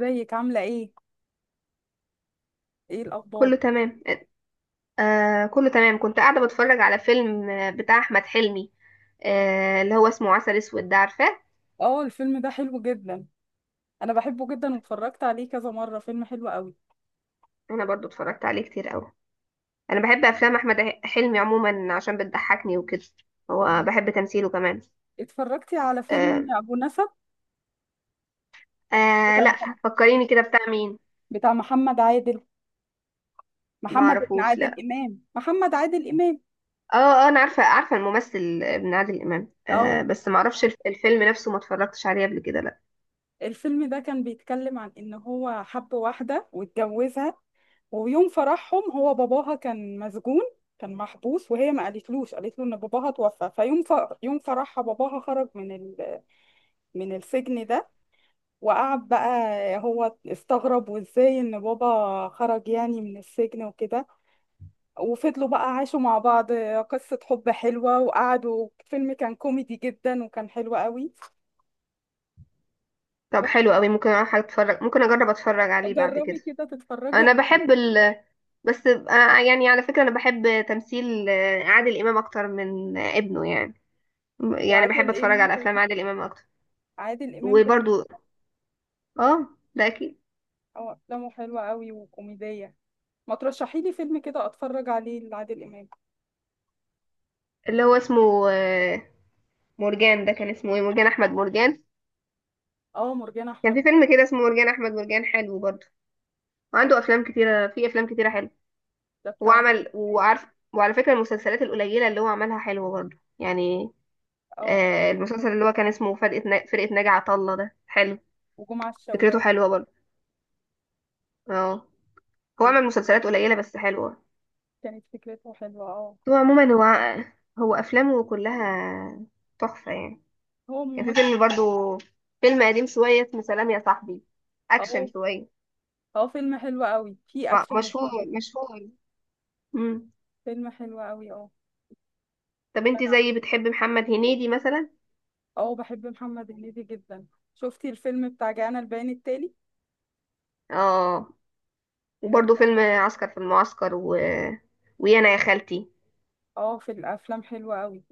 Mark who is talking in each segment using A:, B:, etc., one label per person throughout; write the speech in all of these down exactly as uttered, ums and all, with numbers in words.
A: ازيك عاملة ايه؟ ايه الأخبار؟
B: كله تمام. آه، كله تمام، كنت قاعدة بتفرج على فيلم، آه، بتاع أحمد حلمي. آه، اللي هو اسمه عسل أسود ده، عارفاه؟
A: اه، الفيلم ده حلو جدا. أنا بحبه جدا واتفرجت عليه كذا مرة، فيلم حلو قوي.
B: أنا برضو اتفرجت عليه كتير أوي. أنا بحب أفلام أحمد ح- حلمي عموما، عشان بتضحكني وكده. هو
A: تمام.
B: بحب تمثيله كمان.
A: اتفرجتي على
B: آه.
A: فيلم أبو نسب؟
B: آه
A: بتاع
B: لا.
A: محمد،
B: فكريني كده بتاع مين؟
A: بتاع محمد عادل،
B: ما
A: محمد ابن
B: اعرفوش،
A: عادل
B: لا.
A: إمام، محمد عادل إمام.
B: اه، آه، انا عارفه عارفه الممثل ابن عادل امام، آه،
A: اه،
B: بس ما اعرفش الف- الفيلم نفسه، ما اتفرجتش عليه قبل كده، لا.
A: الفيلم ده كان بيتكلم عن إن هو حب واحدة واتجوزها. ويوم فرحهم هو باباها كان مسجون، كان محبوس، وهي ما قالتلوش، قالت له ان باباها توفى. فيوم ف... يوم فرحها باباها خرج من ال... من السجن ده. وقعد بقى، هو استغرب وازاي ان بابا خرج يعني من السجن وكده. وفضلوا بقى عاشوا مع بعض، قصة حب حلوة، وقعدوا. فيلم كان كوميدي جدا وكان حلو قوي.
B: طب حلو قوي، ممكن اروح اتفرج، ممكن اجرب اتفرج عليه بعد
A: جربي
B: كده.
A: كده تتفرجي
B: انا
A: عليه.
B: بحب ال بس آه، يعني على فكرة أنا بحب تمثيل آه، عادل إمام أكتر من آه، ابنه، يعني. يعني بحب
A: وعادل
B: أتفرج
A: امام
B: على أفلام
A: جميل،
B: عادل إمام أكتر.
A: عادل امام جميل.
B: وبرضو آه، ده أكيد.
A: اه، افلامه حلوة قوي وكوميدية، ما ترشحي لي فيلم كده اتفرج عليه لعادل امام.
B: اللي هو اسمه آه، مرجان، ده كان اسمه إيه؟ مرجان أحمد مرجان.
A: اه، مرجان
B: كان
A: احمد.
B: في فيلم كده اسمه مرجان أحمد مرجان حلو برضو. وعنده أفلام كتيرة، في أفلام كتيرة حلوة.
A: ده بتاع عادل.
B: وعمل وعارف. وعلى فكرة، المسلسلات القليلة اللي هو عملها حلوة برضو يعني.
A: اه،
B: آه، المسلسل اللي هو كان اسمه فرقة نا- فرقة ناجي عطا الله ده حلو.
A: وجمعة
B: فكرته
A: الشوال.
B: حلوة برضو. اه. هو
A: كانت
B: عمل مسلسلات قليلة بس حلوة.
A: كانت فكرته حلوة، اه.
B: هو عموما هو، هو أفلامه كلها تحفة يعني.
A: هو
B: كان في
A: ممثل.
B: فيلم برضو، فيلم قديم شوية اسمه سلام يا صاحبي، أكشن
A: اه.
B: شوية.
A: اه، فيلم حلو قوي فيه
B: م-
A: اكشن
B: مشهور،
A: وكده.
B: مشهور. مم.
A: فيلم حلو قوي، اه.
B: طب انت
A: انا
B: زي بتحب محمد هنيدي مثلا؟
A: اه، بحب محمد هنيدي جدا. شفتي الفيلم بتاع جانا البيان التالي؟
B: اه.
A: حلو.
B: وبرضو فيلم عسكر في المعسكر و... ويانا يا خالتي.
A: اه، في الافلام حلوة قوي،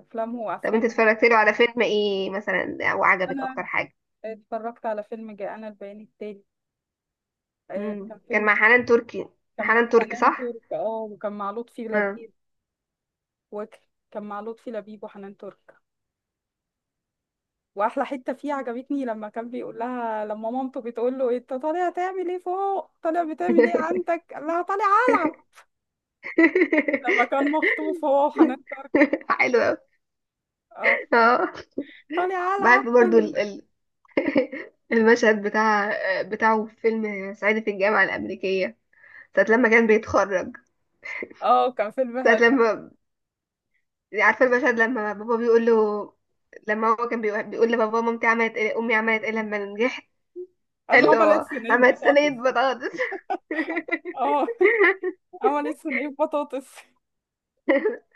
A: افلامه
B: طب
A: وافلام.
B: انت اتفرجت له على فيلم ايه مثلا وعجبك
A: انا
B: اكتر حاجة؟
A: اتفرجت على فيلم جانا البيان التالي، آه،
B: مم،
A: كان
B: كان
A: فيلم.
B: مع حنان تركي.
A: كان مع
B: حنان تركي
A: حنان
B: صح؟
A: ترك، اه، وكان مع لطفي
B: اه.
A: لبيب، وكان مع لطفي لبيب وحنان ترك. واحلى حته فيه عجبتني لما كان بيقول لها، لما مامته بتقول له انت طالع تعمل ايه فوق، طالع بتعمل ايه عندك، قال لها طالع، لما كان مخطوف هو وحنان ترك.
B: حلو أوي.
A: اه.
B: اه.
A: طالع العب
B: بحب برضو ال-
A: طالع-
B: ال- المشهد بتاع، بتاعه في فيلم صعيدي في الجامعة الأمريكية، ساعة لما كان بيتخرج.
A: اه، كان فيلم
B: ساعة
A: حلو.
B: لما، عارفة المشهد لما بابا بيقول له، لما هو كان بيقول، بيقول لبابا مامتي عملت ايه، أمي عملت ايه لما نجحت؟
A: قال
B: قال
A: له عملت
B: له
A: صينيه
B: عملت صينية
A: بطاطس.
B: بطاطس.
A: اه عملت صينيه بطاطس.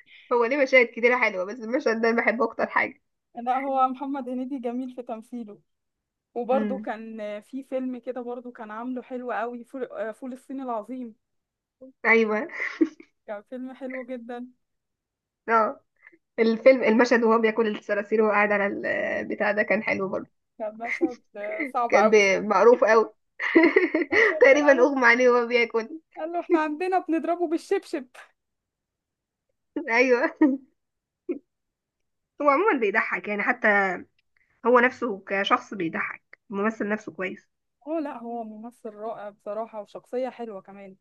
B: هو ليه مشاهد كتيرة حلوة، بس المشهد ده أنا بحبه أكتر حاجة.
A: لا، هو محمد هنيدي جميل في تمثيله. وبرده
B: امم.
A: كان في فيلم كده، برده كان عامله حلو قوي، فول آه، فول الصين العظيم،
B: أيوه.
A: كان فيلم حلو جدا.
B: اه. الفيلم، المشهد وهو بياكل الصراصير وهو قاعد على البتاع ده، كان حلو برضه.
A: كان مشهد آه، صعب
B: كان
A: قوي
B: بي- معروف قوي.
A: مشهد
B: تقريبا
A: قال،
B: اغمى عليه وهو بياكل.
A: قال له احنا عندنا بنضربه بالشبشب.
B: ايوه. هو عموما بيضحك يعني، حتى هو نفسه كشخص بيضحك، الممثل نفسه كويس.
A: اه، لا، هو ممثل رائع بصراحة، وشخصية حلوة كمان.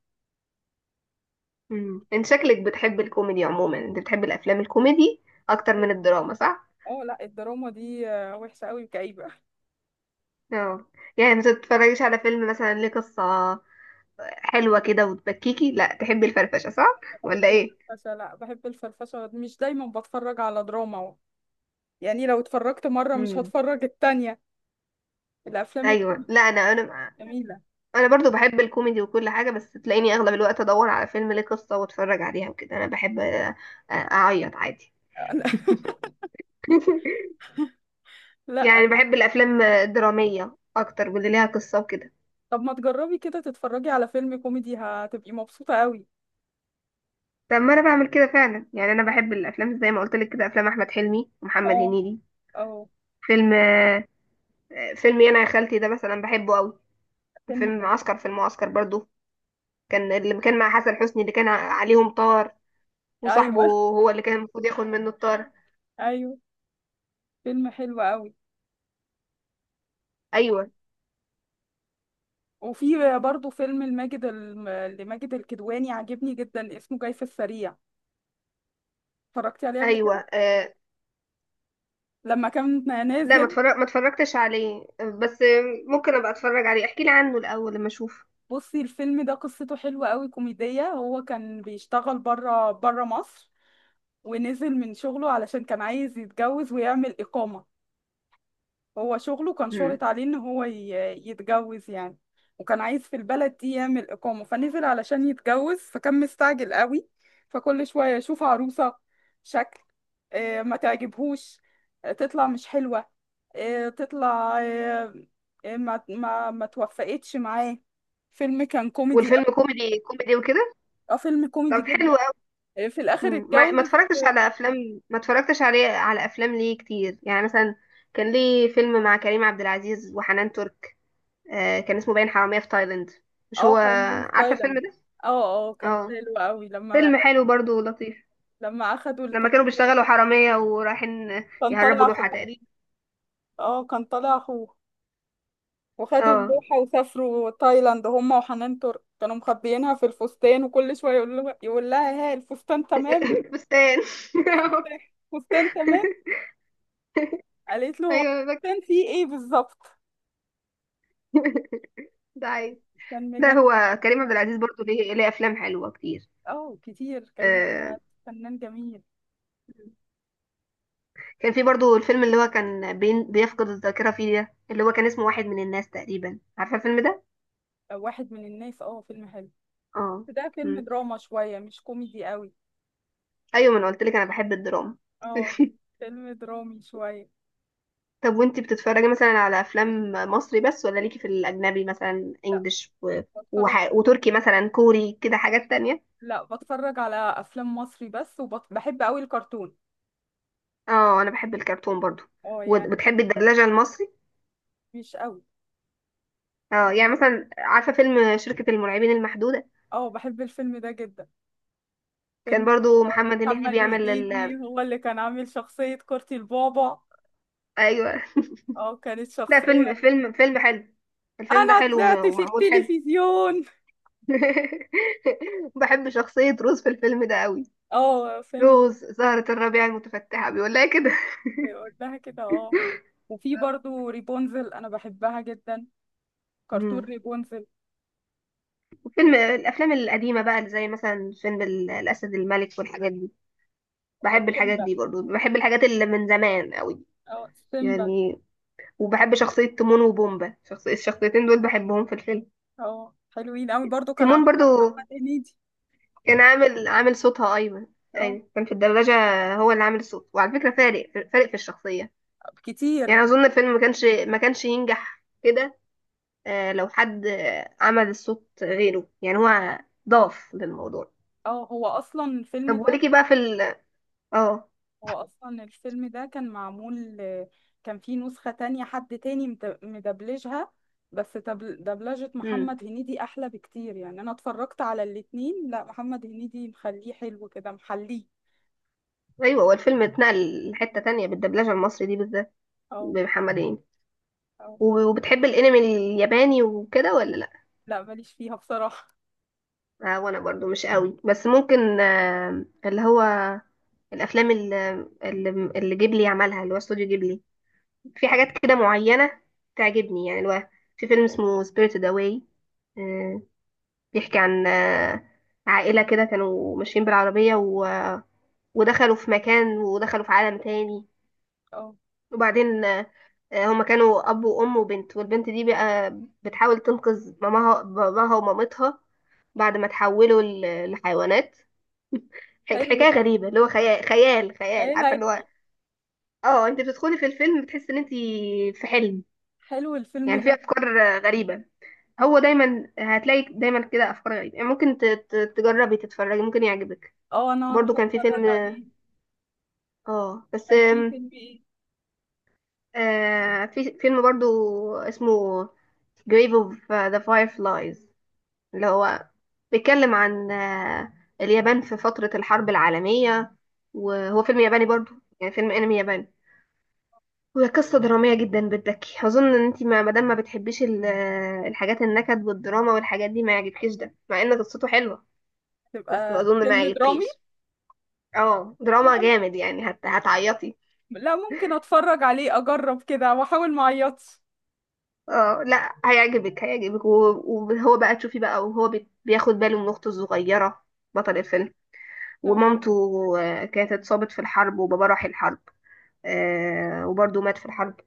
B: امم، انت شكلك بتحب الكوميدي عموما، انت بتحب الافلام الكوميدي اكتر من الدراما صح؟
A: اه، لا، الدراما دي آه، وحشة قوي وكئيبة.
B: اه يعني، ما تتفرجيش على فيلم مثلا ليه قصة حلوة كده وتبكيكي؟ لا تحبي الفرفشة صح
A: بحب
B: ولا ايه؟
A: الفرفشة، لا بحب الفرفشة، مش دايما بتفرج على دراما و- يعني لو اتفرجت مرة مش
B: امم.
A: هتفرج التانية. الأفلام
B: ايوه.
A: الكوميدي
B: لا انا، انا
A: جميلة.
B: انا برضو بحب الكوميدي وكل حاجه، بس تلاقيني اغلب الوقت ادور على فيلم ليه قصه واتفرج عليها وكده. انا بحب آه، آه، اعيط عادي. يعني
A: لا.
B: بحب الافلام الدراميه اكتر، واللي ليها قصه وكده.
A: طب ما تجربي كده تتفرجي على فيلم كوميدي، هتبقي مبسوطة قوي.
B: طب ما انا بعمل كده فعلا يعني، انا بحب الافلام زي ما قلت لك كده، افلام احمد حلمي ومحمد
A: اه.
B: هنيدي.
A: اه،
B: فيلم آه، آه، فيلم انا يا خالتي ده مثلا بحبه قوي.
A: فيلم
B: فيلم
A: كوميدي.
B: معسكر في المعسكر برضو، كان اللي كان مع حسن حسني، اللي كان ع- عليهم طار، وصاحبه
A: ايوه
B: هو اللي كان المفروض ياخد منه الطار.
A: ايوه، فيلم حلو قوي.
B: ايوه.
A: وفي برضه فيلم لماجد الم- لماجد الكدواني عاجبني جدا، اسمه جاي في السريع. اتفرجتي عليه قبل
B: ايوه.
A: كده؟
B: آه،
A: لما كان
B: لا، ما
A: نازل.
B: اتفرج ما اتفرجتش عليه، بس ممكن ابقى اتفرج عليه، احكي لي عنه الاول لما اشوف.
A: بصي الفيلم ده قصته حلوة قوي، كوميدية. هو كان بيشتغل بره بره مصر، ونزل من شغله علشان كان عايز يتجوز ويعمل إقامة. هو شغله كان
B: امم.
A: شرط عليه إن هو ي- يتجوز يعني. وكان عايز في البلد دي يعمل إقامة، فنزل علشان يتجوز، فكان مستعجل قوي، فكل شوية يشوف عروسة، شكل، آه، ما تعجبهوش، آه، تطلع مش حلوة، آه، تطلع آه، آه، ما ما ما توفقتش معاه. فيلم كان كوميدي،
B: والفيلم كوميدي، كوميدي وكده.
A: اه فيلم كوميدي
B: طب حلو
A: جدا.
B: قوي.
A: آه، في الاخر
B: ما ما
A: اتجوز.
B: اتفرجتش على افلام ما اتفرجتش عليه على افلام ليه كتير يعني، مثلا كان ليه فيلم مع كريم عبد العزيز وحنان ترك، آه، كان اسمه باين حرامية في تايلاند، مش
A: اه،
B: هو؟
A: حرامية في
B: عارفة الفيلم
A: تايلاند.
B: ده؟
A: اه اه، كان
B: اه.
A: حلو قوي لما
B: فيلم حلو برضو ولطيف.
A: لما اخدوا
B: لما كانوا
A: الطلبة.
B: بيشتغلوا حرامية ورايحين
A: كان طالع
B: يهربوا لوحة
A: اخوه.
B: تقريبا.
A: اه، كان طالع اخوه، وخدوا
B: اه.
A: اللوحة وسافروا تايلاند هما وحنان ترك، كانوا مخبيينها في الفستان، وكل شوية يقول له، يقول لها: ها الفستان تمام؟
B: فستان.
A: الفستان، الفستان تمام. قالت له هو
B: ايوه أنا
A: الفستان فيه ايه بالظبط؟
B: فاكرة. ده عيب.
A: كان
B: ده
A: مجنن.
B: هو كريم عبد العزيز برضو ليه، ليه افلام حلوه كتير.
A: اه كتير، كريم عبد
B: آه.
A: العزيز فنان جميل.
B: كان في برضو الفيلم اللي هو كان بين بيفقد الذاكره فيه ده، اللي هو كان اسمه واحد من الناس تقريبا، عارفه الفيلم ده؟
A: آه، واحد من الناس، اه فيلم حلو.
B: اه.
A: ده فيلم
B: مم.
A: دراما شوية، مش كوميدي قوي.
B: ايوه، ما انا قلت لك انا بحب الدراما.
A: اه، فيلم درامي شوية.
B: طب وانتي بتتفرجي مثلا على افلام مصري بس، ولا ليكي في الاجنبي مثلا
A: لا،
B: انجليش و...
A: بتفرج
B: وح...
A: على...
B: وتركي مثلا، كوري كده حاجات تانية؟
A: لا، بتفرج على أفلام مصري بس، وبحب قوي الكرتون.
B: اه، انا بحب الكرتون برضو.
A: اه يعني،
B: وبتحبي الدبلجه المصري؟
A: مش قوي.
B: اه يعني، مثلا عارفه فيلم شركه المرعبين المحدوده؟
A: اه، بحب الفيلم ده جدا،
B: كان
A: فيلم حلو.
B: برضو محمد هنيدي
A: محمد
B: بيعمل
A: هنيدي
B: ال...
A: هو اللي كان عامل شخصية كورتي البابا.
B: ايوه.
A: اه، كانت
B: لا
A: شخصية
B: فيلم، فيلم فيلم حلو، الفيلم ده
A: أنا
B: حلو وم-
A: طلعت في
B: ومعمول حلو.
A: التلفزيون.
B: بحب شخصية روز في الفيلم ده قوي.
A: اه، فيلم.
B: روز زهرة الربيع المتفتحة، بيقول لها كده.
A: بيقول لها كده، اه. وفي برضو ريبونزل، أنا بحبها جدا، كرتون.
B: مم. وفيلم،
A: ريبونزل.
B: الأفلام القديمة بقى اللي زي مثلا فيلم ال- الأسد الملك والحاجات دي. بحب الحاجات دي برضو، بحب الحاجات اللي من زمان قوي
A: اه، سيمبا.
B: يعني. وبحب شخصية تيمون وبومبا، شخصية الشخصيتين دول بحبهم في الفيلم.
A: اه، حلوين قوي برضو، كان عامل
B: تيمون برضو
A: محمد هنيدي.
B: كان عامل، عامل صوتها ايمن.
A: اه
B: ايوه كان في الدبلجه، هو اللي عامل الصوت، وعلى فكره فارق، فارق في الشخصيه
A: كتير.
B: يعني. اظن الفيلم ما كانش ما كانش ينجح كده آه، لو حد آه، عمل الصوت غيره، يعني هو ضاف للموضوع.
A: اه، هو اصلا الفيلم
B: طب
A: ده
B: وليكي بقى في ال، اه.
A: هو اصلا الفيلم ده كان معمول، كان فيه نسخة تانية حد تاني مد- مدبلجها، بس دبل- دبلجة
B: امم.
A: محمد هنيدي احلى بكتير، يعني انا اتفرجت على الاتنين. لا، محمد هنيدي مخليه حلو كده، محليه.
B: ايوه، هو الفيلم اتنقل لحته تانية بالدبلجه المصري دي بالذات،
A: اه.
B: بمحمد هنيدي.
A: اه
B: و- وبتحب الانمي الياباني وكده ولا لا؟
A: لا، ماليش فيها بصراحة.
B: آه، وانا برضو مش قوي، بس ممكن آه، اللي هو الافلام اللي اللي جيبلي عملها، اللي هو استوديو جيبلي، في
A: اه.
B: حاجات كده معينه تعجبني يعني. اللي هو في فيلم اسمه سبيريتد اواي، بيحكي عن آه، عائله كده كانوا ماشيين بالعربيه و- ودخلوا في مكان، ودخلوا في عالم تاني.
A: اه،
B: وبعدين آه، آه، هما كانوا اب وام وبنت، والبنت دي بقى بتحاول تنقذ ماماها، باباها ومامتها، بعد ما تحولوا ل- لحيوانات. حك-
A: حلو
B: حكايه
A: ده.
B: غريبه، اللي هو خيال، خيال خيال،
A: خيال
B: عارفه اللي هو،
A: علمي،
B: اه، انت بتدخلي في الفيلم بتحسي ان انت في حلم.
A: حلو الفيلم
B: يعني في
A: ده.
B: افكار آه، غريبة. هو دايما هتلاقي دايما كده افكار غريبة يعني، ممكن ت- ت- تجربي تتفرجي، ممكن يعجبك.
A: اه، انا
B: برضو
A: هروح
B: كان في
A: اتفرج
B: فيلم،
A: عليه.
B: اه بس
A: كان
B: آم،
A: في فيلم ايه؟
B: آه في فيلم برضو اسمه Grave of the Fireflies، اللي هو بيتكلم عن آه، اليابان في فترة الحرب العالمية، وهو فيلم ياباني برضو، يعني فيلم انمي ياباني. هي قصة درامية جدا بتبكي، أظن إن أنتي ما مادام ما بتحبيش ال- الحاجات النكد والدراما والحاجات دي ما يعجبكيش، ده مع إن قصته حلوة. بس
A: تبقى
B: أظن ما
A: فيلم درامي.
B: يعجبكيش. اه دراما
A: لا،
B: جامد يعني، هت... هتعيطي.
A: لا، ممكن اتفرج عليه، اجرب كده واحاول ما اعيطش.
B: اه لا هيعجبك هيعجبك. و- وهو بقى تشوفي بقى، وهو بي- بياخد باله من أخته الصغيرة، بطل الفيلم.
A: تمام.
B: ومامته آه، كانت اتصابت في الحرب، وبابا راح الحرب آه، وبرضه مات في الحرب.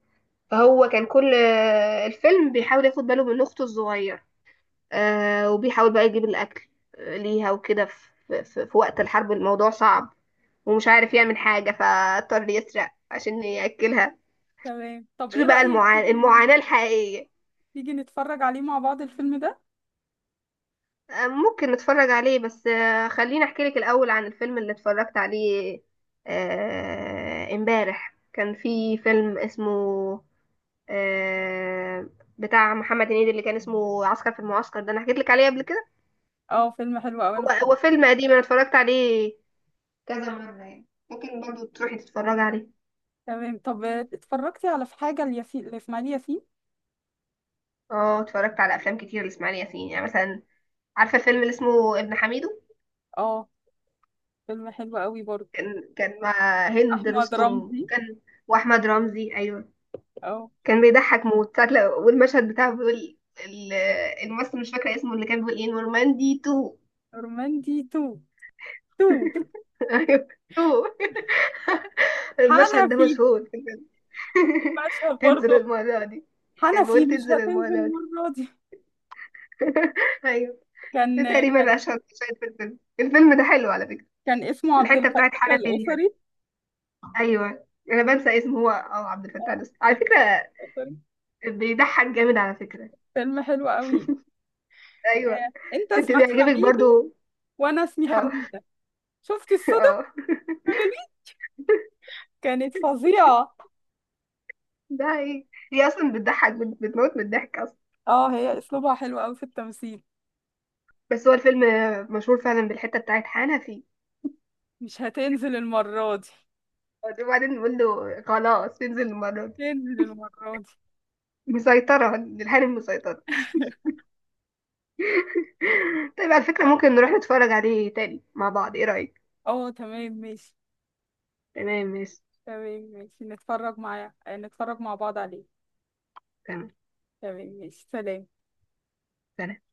B: فهو كان كل آه، الفيلم بيحاول ياخد باله من أخته الصغيرة، آه، وبيحاول بقى يجيب الأكل آه، ليها وكده. في, في, في وقت الحرب الموضوع صعب، ومش عارف يعمل حاجة، فاضطر يسرق عشان يأكلها.
A: تمام، طب
B: شوفي
A: ايه
B: بقى
A: رأيك تيجي
B: المعاناة،
A: ن-
B: المعاناة الحقيقية.
A: تيجي نتفرج عليه مع بعض الفيلم ده؟
B: آه ممكن نتفرج عليه، بس آه خليني أحكي لك الأول عن الفيلم اللي اتفرجت عليه آه، امبارح. كان في فيلم اسمه آه، بتاع محمد هنيدي، اللي كان اسمه عسكر في المعسكر ده، أنا حكيت لك عليه قبل كده.
A: اه، فيلم حلو قوي،
B: هو،
A: انا طبعا.
B: هو فيلم قديم أنا اتفرجت عليه كذا مرة يعني، ممكن برضو تروحي تتفرجي عليه.
A: تمام، طب اتفرجتي على في حاجة الياسين لإسماعيل ياسين؟
B: اه اتفرجت على افلام كتير لاسماعيل ياسين يعني، مثلا عارفة الفيلم اللي اسمه ابن حميدو؟
A: اه، فيلم حلو قوي برضه.
B: كان كان مع هند
A: احمد
B: رستم،
A: رمزي.
B: كان. واحمد رمزي، ايوه.
A: اه،
B: كان بيضحك موت ساعة لو- والمشهد بتاعه بيقول ال- الممثل، مش فاكرة اسمه، اللي كان بيقول ايه نورماندي تو.
A: رمندي تو، تو.
B: ايوه، تو. المشهد ده
A: حنفي،
B: مشهور.
A: في مشهد
B: تنزل
A: برضه.
B: المرة دي. كان
A: حنفي
B: بيقول
A: مش
B: تنزل المرة
A: هتنزل
B: دي.
A: المرة دي.
B: ايوه. ده
A: كان كان
B: تقريبا اشهر مشاهد في الفيلم. الفيلم ده حلو على فكرة.
A: كان اسمه عبد
B: والحته بتاعت
A: الفتاح
B: حنفي دي حلوة.
A: الأسري.
B: ايوه. انا بنسى اسمه، هو اه عبد الفتاح
A: آه،
B: الأسطوري على فكره.
A: عارفة.
B: بيضحك جامد على فكره.
A: فيلم حلو قوي.
B: ايوه.
A: آه، انت
B: انت
A: اسمك
B: بيعجبك
A: حميدو،
B: برضو.
A: وانا اسمي
B: اه.
A: حميدة. شفتي الصدف
B: اه.
A: دي؟ كانت فظيعة.
B: ده هي، هي اصلا بتضحك، بت- بتموت من الضحك اصلا.
A: اه، هي اسلوبها حلو قوي في التمثيل.
B: بس هو الفيلم مشهور فعلا بالحته بتاعت حنفي،
A: مش هتنزل المرة دي،
B: وبعدين بيقول له خلاص انزل المره دي.
A: تنزل المرة دي.
B: مسيطره، الحنفي مسيطره. طيب على فكره ممكن نروح نتفرج عليه تاني مع بعض، ايه رايك؟
A: اه، تمام ماشي.
B: تمام ماشي.
A: تمام ماشي، نتفرج معايا، آه، نتفرج مع بعض عليه.
B: تمام.
A: تمام ماشي، سلام.
B: سلام.